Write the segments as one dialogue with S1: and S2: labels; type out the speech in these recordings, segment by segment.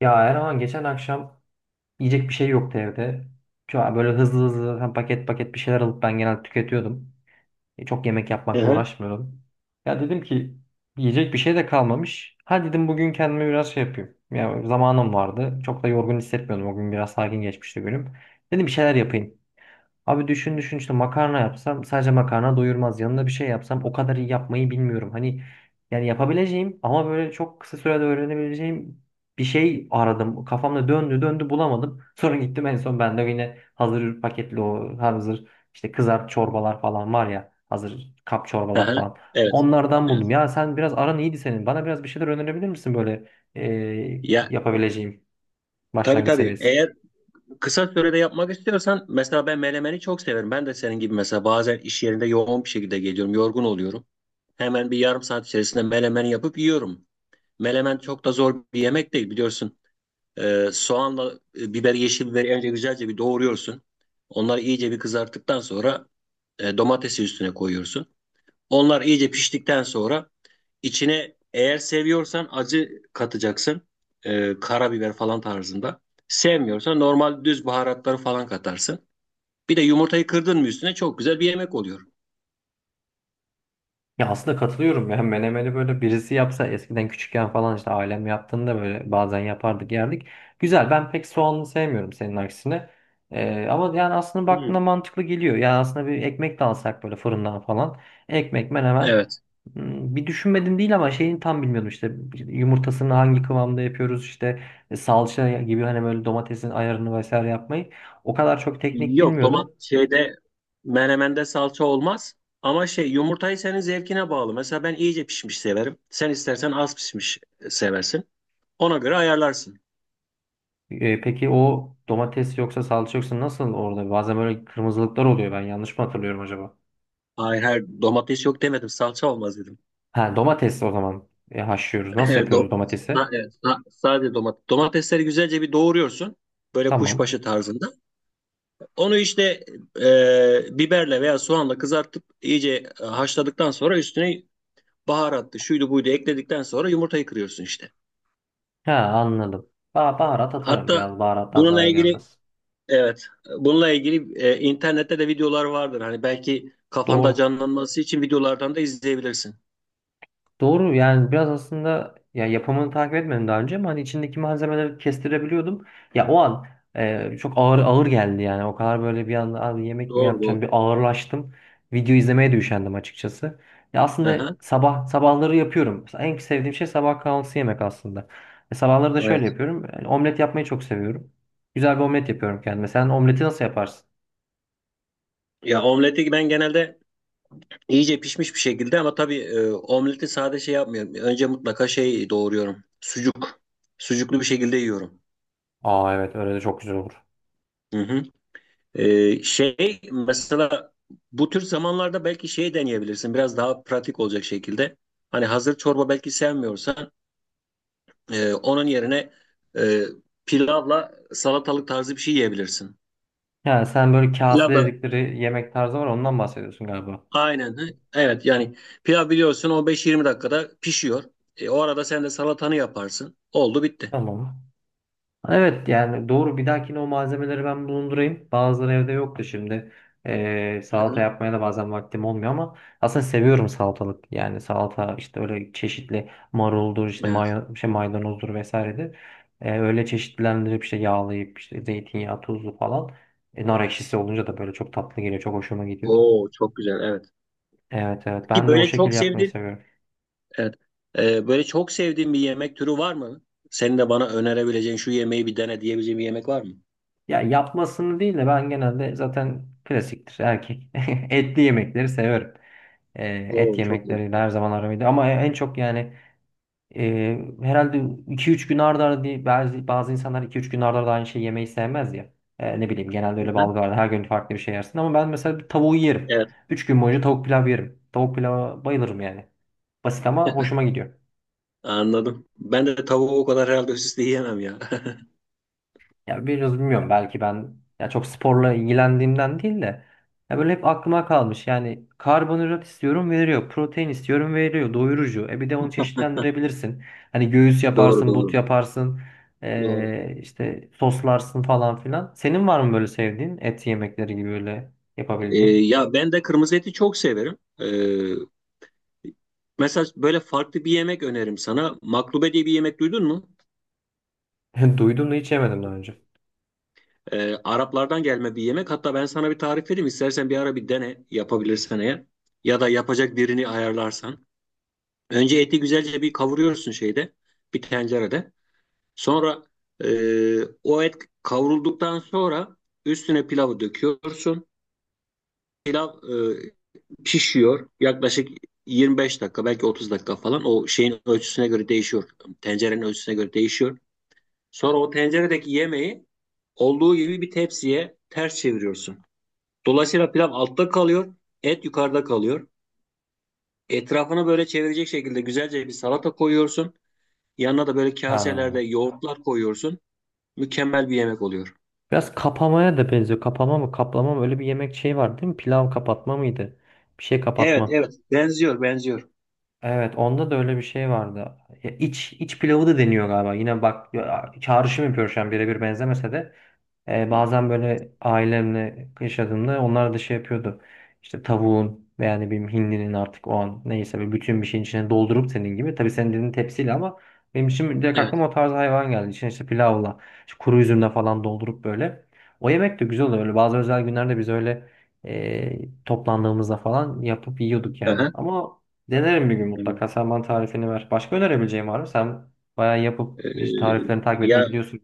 S1: Ya Erhan geçen akşam yiyecek bir şey yoktu evde. Şu an böyle hızlı hızlı hem paket paket bir şeyler alıp ben genelde tüketiyordum. Çok yemek
S2: Hı
S1: yapmakla
S2: hı.
S1: uğraşmıyordum. Ya dedim ki yiyecek bir şey de kalmamış. Ha dedim bugün kendime biraz şey yapayım. Ya zamanım vardı. Çok da yorgun hissetmiyordum. O gün biraz sakin geçmişti günüm. Dedim bir şeyler yapayım. Abi düşün düşün işte makarna yapsam sadece makarna doyurmaz. Yanına bir şey yapsam o kadar iyi yapmayı bilmiyorum. Hani yani yapabileceğim ama böyle çok kısa sürede öğrenebileceğim bir şey aradım. Kafamda döndü döndü bulamadım. Sonra gittim en son ben de yine hazır paketli o hazır işte kızart çorbalar falan var ya hazır kap
S2: Hı
S1: çorbalar
S2: hı.
S1: falan.
S2: Evet.
S1: Onlardan
S2: Evet.
S1: buldum. Ya sen biraz aran iyiydi senin. Bana biraz bir şeyler önerebilir misin böyle
S2: Ya
S1: yapabileceğim
S2: tabii
S1: başlangıç
S2: tabii.
S1: seviyesi?
S2: Eğer kısa sürede yapmak istiyorsan mesela ben melemeni çok severim. Ben de senin gibi mesela bazen iş yerinde yoğun bir şekilde geliyorum, yorgun oluyorum. Hemen bir yarım saat içerisinde melemen yapıp yiyorum. Melemen çok da zor bir yemek değil biliyorsun. Soğanla biber, yeşil biberi önce güzelce bir doğruyorsun. Onları iyice bir kızarttıktan sonra domatesi üstüne koyuyorsun. Onlar iyice piştikten sonra İçine eğer seviyorsan acı katacaksın. Karabiber falan tarzında. Sevmiyorsan normal düz baharatları falan katarsın. Bir de yumurtayı kırdın mı üstüne çok güzel bir yemek oluyor.
S1: Ya aslında katılıyorum ya menemeni böyle birisi yapsa eskiden küçükken falan işte ailem yaptığında böyle bazen yapardık yerdik. Güzel, ben pek soğanlı sevmiyorum senin aksine. Ama yani aslında baktığında
S2: Hmm.
S1: mantıklı geliyor. Yani aslında bir ekmek de alsak böyle fırından falan. Ekmek menemen.
S2: Evet.
S1: Bir düşünmedim değil ama şeyini tam bilmiyordum işte yumurtasını hangi kıvamda yapıyoruz, işte salça gibi hani böyle domatesin ayarını vesaire yapmayı. O kadar çok teknik
S2: Yok,
S1: bilmiyordum.
S2: şeyde menemende salça olmaz. Ama şey, yumurtayı senin zevkine bağlı. Mesela ben iyice pişmiş severim. Sen istersen az pişmiş seversin. Ona göre ayarlarsın.
S1: Peki o domates yoksa salça yoksa nasıl orada? Bazen böyle kırmızılıklar oluyor. Ben yanlış mı hatırlıyorum acaba?
S2: Hayır hayır, domates yok demedim, salça olmaz dedim.
S1: Ha, domates o zaman haşlıyoruz. Nasıl
S2: Evet,
S1: yapıyoruz domatesi?
S2: ha, evet, ha, sadece domates. Domatesleri güzelce bir doğruyorsun. Böyle
S1: Tamam.
S2: kuşbaşı tarzında. Onu işte biberle veya soğanla kızartıp iyice haşladıktan sonra üstüne baharatlı şuydu buydu ekledikten sonra yumurtayı kırıyorsun işte.
S1: Ha, anladım. Baharat atarım
S2: Hatta
S1: biraz. Baharattan
S2: bununla
S1: zarar
S2: ilgili,
S1: gelmez.
S2: evet, bununla ilgili internette de videolar vardır. Hani belki kafanda
S1: Doğru.
S2: canlanması için videolardan da izleyebilirsin.
S1: Doğru, yani biraz aslında ya yapımını takip etmedim daha önce ama hani içindeki malzemeleri kestirebiliyordum. Ya o an çok ağır ağır geldi, yani o kadar böyle bir anda abi yemek mi
S2: Doğru
S1: yapacağım,
S2: doğru.
S1: bir ağırlaştım. Video izlemeye de üşendim açıkçası. Ya aslında
S2: Aha,
S1: sabah sabahları yapıyorum. En sevdiğim şey sabah kahvaltısı yemek aslında. E, sabahları da şöyle
S2: evet.
S1: yapıyorum. Yani omlet yapmayı çok seviyorum. Güzel bir omlet yapıyorum kendime. Sen omleti nasıl yaparsın?
S2: Ya omleti ben genelde İyice pişmiş bir şekilde, ama tabii omleti sade şey yapmıyorum. Önce mutlaka şey doğruyorum. Sucuk. Sucuklu bir şekilde yiyorum.
S1: Aa evet, öyle de çok güzel olur.
S2: Hı hı. Şey mesela bu tür zamanlarda belki şey deneyebilirsin. Biraz daha pratik olacak şekilde. Hani hazır çorba belki sevmiyorsan onun yerine e, pilavla salatalık tarzı bir şey yiyebilirsin.
S1: Yani sen böyle kase
S2: Pilav da
S1: dedikleri yemek tarzı var, ondan bahsediyorsun galiba.
S2: aynen. Hı. Evet yani pilav biliyorsun 15-20 dakikada pişiyor. O arada sen de salatanı yaparsın. Oldu bitti.
S1: Tamam. Evet, yani doğru, bir dahakine o malzemeleri ben bulundurayım. Bazıları evde yoktu şimdi. Salata yapmaya da bazen vaktim olmuyor ama aslında seviyorum salatalık. Yani salata işte öyle çeşitli maruldur, işte
S2: Evet.
S1: may şey maydanozdur vesairedir. Öyle çeşitlendirip işte yağlayıp işte zeytinyağı tuzlu falan. Nar ekşisi olunca da böyle çok tatlı geliyor. Çok hoşuma gidiyor.
S2: Oo çok güzel. Evet.
S1: Evet evet,
S2: Peki
S1: ben de o
S2: böyle
S1: şekilde
S2: çok
S1: yapmayı
S2: sevdiğin,
S1: seviyorum.
S2: evet, böyle çok sevdiğin bir yemek türü var mı? Senin de bana önerebileceğin şu yemeği bir dene diyebileceğin bir yemek var mı?
S1: Ya yapmasını değil de ben genelde zaten klasiktir erkek. Etli yemekleri severim. E, Et
S2: Oo çok güzel.
S1: yemekleriyle her zaman aramıydı. Ama en çok yani herhalde iki üç gün arda arda değil, bazı, bazı insanlar iki üç gün arda arda aynı şeyi yemeyi sevmez ya. Ne bileyim, genelde
S2: Hı
S1: öyle bir
S2: hı.
S1: algı var. Her gün farklı bir şey yersin. Ama ben mesela bir tavuğu yerim.
S2: Evet.
S1: Üç gün boyunca tavuk pilav yerim. Tavuk pilava bayılırım yani. Basit ama hoşuma gidiyor.
S2: Anladım. Ben de tavuğu o kadar herhalde üst üste yiyemem ya.
S1: Ya biraz bilmiyorum, belki ben ya çok sporla ilgilendiğimden değil de ya böyle hep aklıma kalmış. Yani karbonhidrat istiyorum veriyor, protein istiyorum veriyor, doyurucu. E bir de onu çeşitlendirebilirsin. Hani göğüs
S2: Doğru
S1: yaparsın, but
S2: doğru.
S1: yaparsın,
S2: Doğru.
S1: işte soslarsın falan filan. Senin var mı böyle sevdiğin et yemekleri gibi böyle yapabildiğin?
S2: Ya ben de kırmızı eti çok severim. Mesela böyle farklı bir yemek öneririm sana. Maklube diye bir yemek duydun mu?
S1: Duydum da hiç yemedim daha önce.
S2: Araplardan gelme bir yemek. Hatta ben sana bir tarif vereyim. İstersen bir ara bir dene, yapabilirsen eğer. Ya da yapacak birini ayarlarsan. Önce eti güzelce bir kavuruyorsun şeyde. Bir tencerede. Sonra e, o et kavrulduktan sonra üstüne pilavı döküyorsun. Pilav pişiyor. Yaklaşık 25 dakika, belki 30 dakika falan. O şeyin ölçüsüne göre değişiyor. Tencerenin ölçüsüne göre değişiyor. Sonra o tenceredeki yemeği olduğu gibi bir tepsiye ters çeviriyorsun. Dolayısıyla pilav altta kalıyor, et yukarıda kalıyor. Etrafını böyle çevirecek şekilde güzelce bir salata koyuyorsun. Yanına da böyle
S1: Ha.
S2: kaselerde yoğurtlar koyuyorsun. Mükemmel bir yemek oluyor.
S1: Biraz kapamaya da benziyor. Kapama mı, kaplama mı? Öyle bir yemek şey var değil mi? Pilav kapatma mıydı? Bir şey
S2: Evet,
S1: kapatma.
S2: evet. Benziyor, benziyor.
S1: Evet, onda da öyle bir şey vardı. Ya iç pilavı da deniyor galiba. Yine bak ya, çağrışım yapıyor şu an, birebir benzemese de. Bazen böyle ailemle yaşadığımda onlar da şey yapıyordu. İşte tavuğun veya ne bileyim hindinin artık, o an neyse, bir bütün bir şeyin içine doldurup senin gibi. Tabii senin dediğin tepsiyle ama benim için direkt
S2: Evet.
S1: aklıma o tarz hayvan geldi. İçine işte pilavla, işte kuru üzümle falan doldurup böyle. O yemek de güzel oluyor. Öyle bazı özel günlerde biz öyle toplandığımızda falan yapıp yiyorduk
S2: Hı
S1: yani.
S2: hı.
S1: Ama denerim bir gün
S2: Evet.
S1: mutlaka. Sen bana tarifini ver. Başka önerebileceğim var mı? Sen bayağı yapıp işte
S2: Ee,
S1: tariflerini takip etmeyi
S2: Ya
S1: biliyorsun.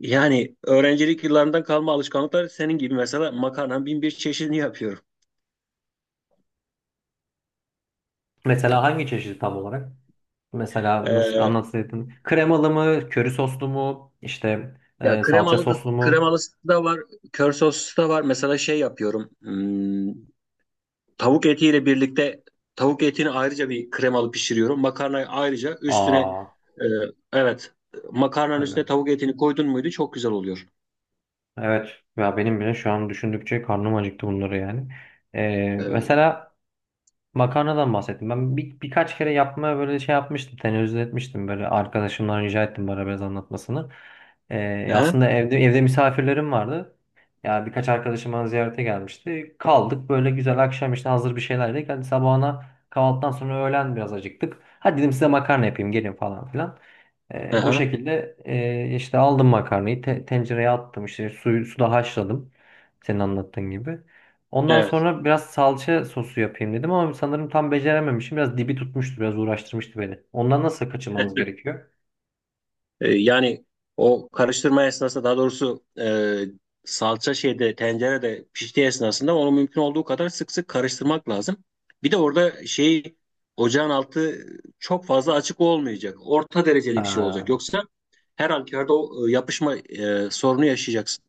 S2: yani öğrencilik yıllarından kalma alışkanlıklar, senin gibi mesela makarnanın bin bir çeşidini yapıyorum.
S1: Mesela hangi çeşidi tam olarak? Mesela nasıl
S2: Ee,
S1: anlatsaydın? Kremalı mı, köri soslu mu, işte
S2: Ya
S1: salça
S2: kremalı da,
S1: soslu mu?
S2: kremalısı da var, kör soslu da var. Mesela şey yapıyorum. Hmm. Tavuk etiyle birlikte tavuk etini ayrıca bir kremalı pişiriyorum. Makarnayı ayrıca üstüne
S1: Aa,
S2: e, evet, makarnanın
S1: öyle.
S2: üstüne tavuk etini koydun muydu çok güzel oluyor.
S1: Evet. Ya benim bile şu an düşündükçe karnım acıktı bunları yani. E,
S2: E,
S1: mesela Makarnadan bahsettim. Ben birkaç kere yapmaya böyle şey yapmıştım. Tenezzül etmiştim. Böyle arkadaşımdan rica ettim bana biraz anlatmasını.
S2: aha,
S1: Aslında evde misafirlerim vardı. Ya birkaç arkadaşım bana ziyarete gelmişti. Kaldık böyle güzel akşam, işte hazır bir şeyler yedik. Hadi sabahına kahvaltıdan sonra öğlen biraz acıktık. Hadi dedim size makarna yapayım gelin falan filan. O
S2: aha,
S1: şekilde işte aldım makarnayı tencereye attım, işte suyu suda haşladım. Senin anlattığın gibi. Ondan
S2: evet.
S1: sonra biraz salça sosu yapayım dedim ama sanırım tam becerememişim. Biraz dibi tutmuştu, biraz uğraştırmıştı beni. Ondan nasıl kaçınmamız gerekiyor?
S2: Yani o karıştırma esnasında, daha doğrusu salça şeyde tencerede piştiği esnasında onu mümkün olduğu kadar sık sık karıştırmak lazım. Bir de orada şey, ocağın altı çok fazla açık olmayacak. Orta dereceli bir şey olacak.
S1: Ha,
S2: Yoksa her halükarda o yapışma sorunu yaşayacaksın.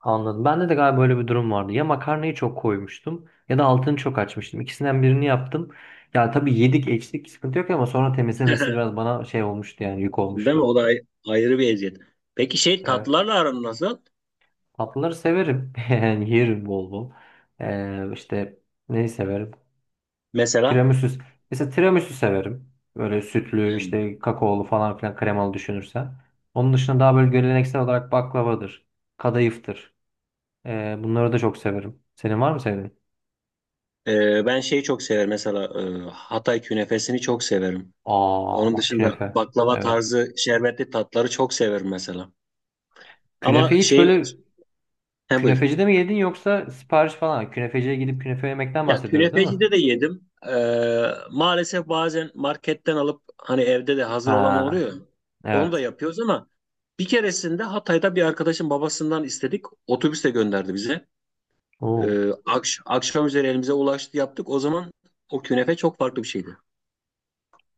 S1: anladım. Bende de galiba böyle bir durum vardı. Ya makarnayı çok koymuştum ya da altını çok açmıştım. İkisinden birini yaptım. Yani tabii yedik içtik sıkıntı yok ama sonra temizlemesi biraz bana şey olmuştu, yani yük
S2: Değil mi?
S1: olmuştu.
S2: O da ayrı bir eziyet. Peki şey,
S1: Evet.
S2: tatlılarla aran nasıl?
S1: Tatlıları severim. Yani yerim bol bol. İşte neyi severim?
S2: Mesela
S1: Tiramisu. Mesela tiramisu severim. Böyle sütlü, işte kakaolu falan filan kremalı düşünürsen. Onun dışında daha böyle geleneksel olarak baklavadır. Kadayıftır. Bunları da çok severim. Senin var mı sevdiğin?
S2: ben şeyi çok severim. Mesela Hatay künefesini çok severim.
S1: Aa
S2: Onun
S1: bak,
S2: dışında
S1: künefe.
S2: baklava
S1: Evet.
S2: tarzı şerbetli tatları çok severim mesela. Ama
S1: Künefeyi hiç
S2: şey,
S1: böyle
S2: he, buyur.
S1: künefecide mi yedin yoksa sipariş falan? Künefeciye gidip künefe yemekten
S2: Ya
S1: bahsediyoruz değil mi?
S2: künefecide de yedim. Maalesef bazen marketten alıp hani evde de hazır olan
S1: Ha,
S2: oluyor. Onu da
S1: evet.
S2: yapıyoruz ama bir keresinde Hatay'da bir arkadaşın babasından istedik. Otobüste gönderdi bize.
S1: Oo.
S2: Akşam üzeri elimize ulaştı, yaptık. O zaman o künefe çok farklı bir şeydi.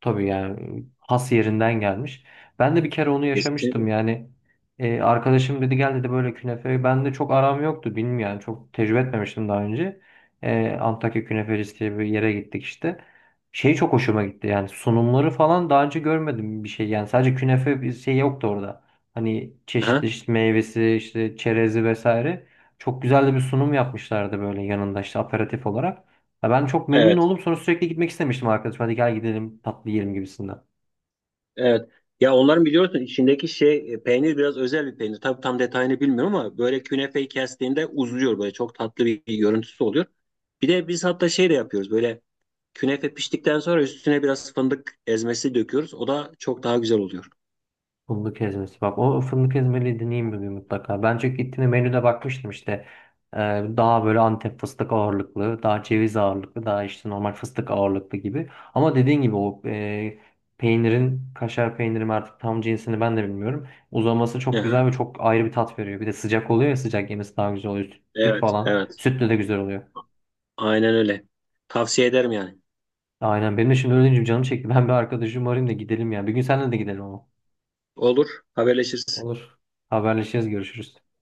S1: Tabii yani, has yerinden gelmiş. Ben de bir kere onu yaşamıştım
S2: Kesinlikle.
S1: yani. Arkadaşım dedi gel dedi böyle künefe. Ben de çok aram yoktu, bilmiyorum yani çok tecrübe etmemiştim daha önce. Antakya Künefecisi diye bir yere gittik işte. Şey çok hoşuma gitti yani, sunumları falan daha önce görmedim, bir şey yani sadece künefe, bir şey yoktu orada. Hani
S2: Aha,
S1: çeşitli işte meyvesi, işte çerezi vesaire. Çok güzel de bir sunum yapmışlardı böyle yanında işte aperatif olarak. Ya ben çok memnun
S2: evet.
S1: oldum. Sonra sürekli gitmek istemiştim arkadaşım. Hadi gel gidelim tatlı yiyelim gibisinden.
S2: Evet. Ya onların biliyorsun içindeki şey peynir biraz özel bir peynir. Tabii tam detayını bilmiyorum ama böyle künefeyi kestiğinde uzuyor, böyle çok tatlı bir görüntüsü oluyor. Bir de biz hatta şey de yapıyoruz, böyle künefe piştikten sonra üstüne biraz fındık ezmesi döküyoruz. O da çok daha güzel oluyor.
S1: Fındık ezmesi. Bak, o fındık ezmeliği deneyeyim bir gün mutlaka. Bence gittiğimde menüde bakmıştım işte. Ee, Daha böyle Antep fıstık ağırlıklı, daha ceviz ağırlıklı, daha işte normal fıstık ağırlıklı gibi. Ama dediğin gibi o peynirin, kaşar peynirim artık tam cinsini ben de bilmiyorum. Uzaması çok
S2: Aha,
S1: güzel ve çok ayrı bir tat veriyor. Bir de sıcak oluyor ya, sıcak yemesi daha güzel oluyor. Süt, süt
S2: evet,
S1: falan.
S2: evet.
S1: Sütle de güzel oluyor.
S2: Aynen öyle. Tavsiye ederim yani.
S1: Aynen, benim de şimdi öyle deyince canım çekti. Ben bir arkadaşımı arayayım da gidelim ya. Bir gün seninle de gidelim ama.
S2: Olur, haberleşiriz.
S1: Olur. Haberleşiriz, görüşürüz.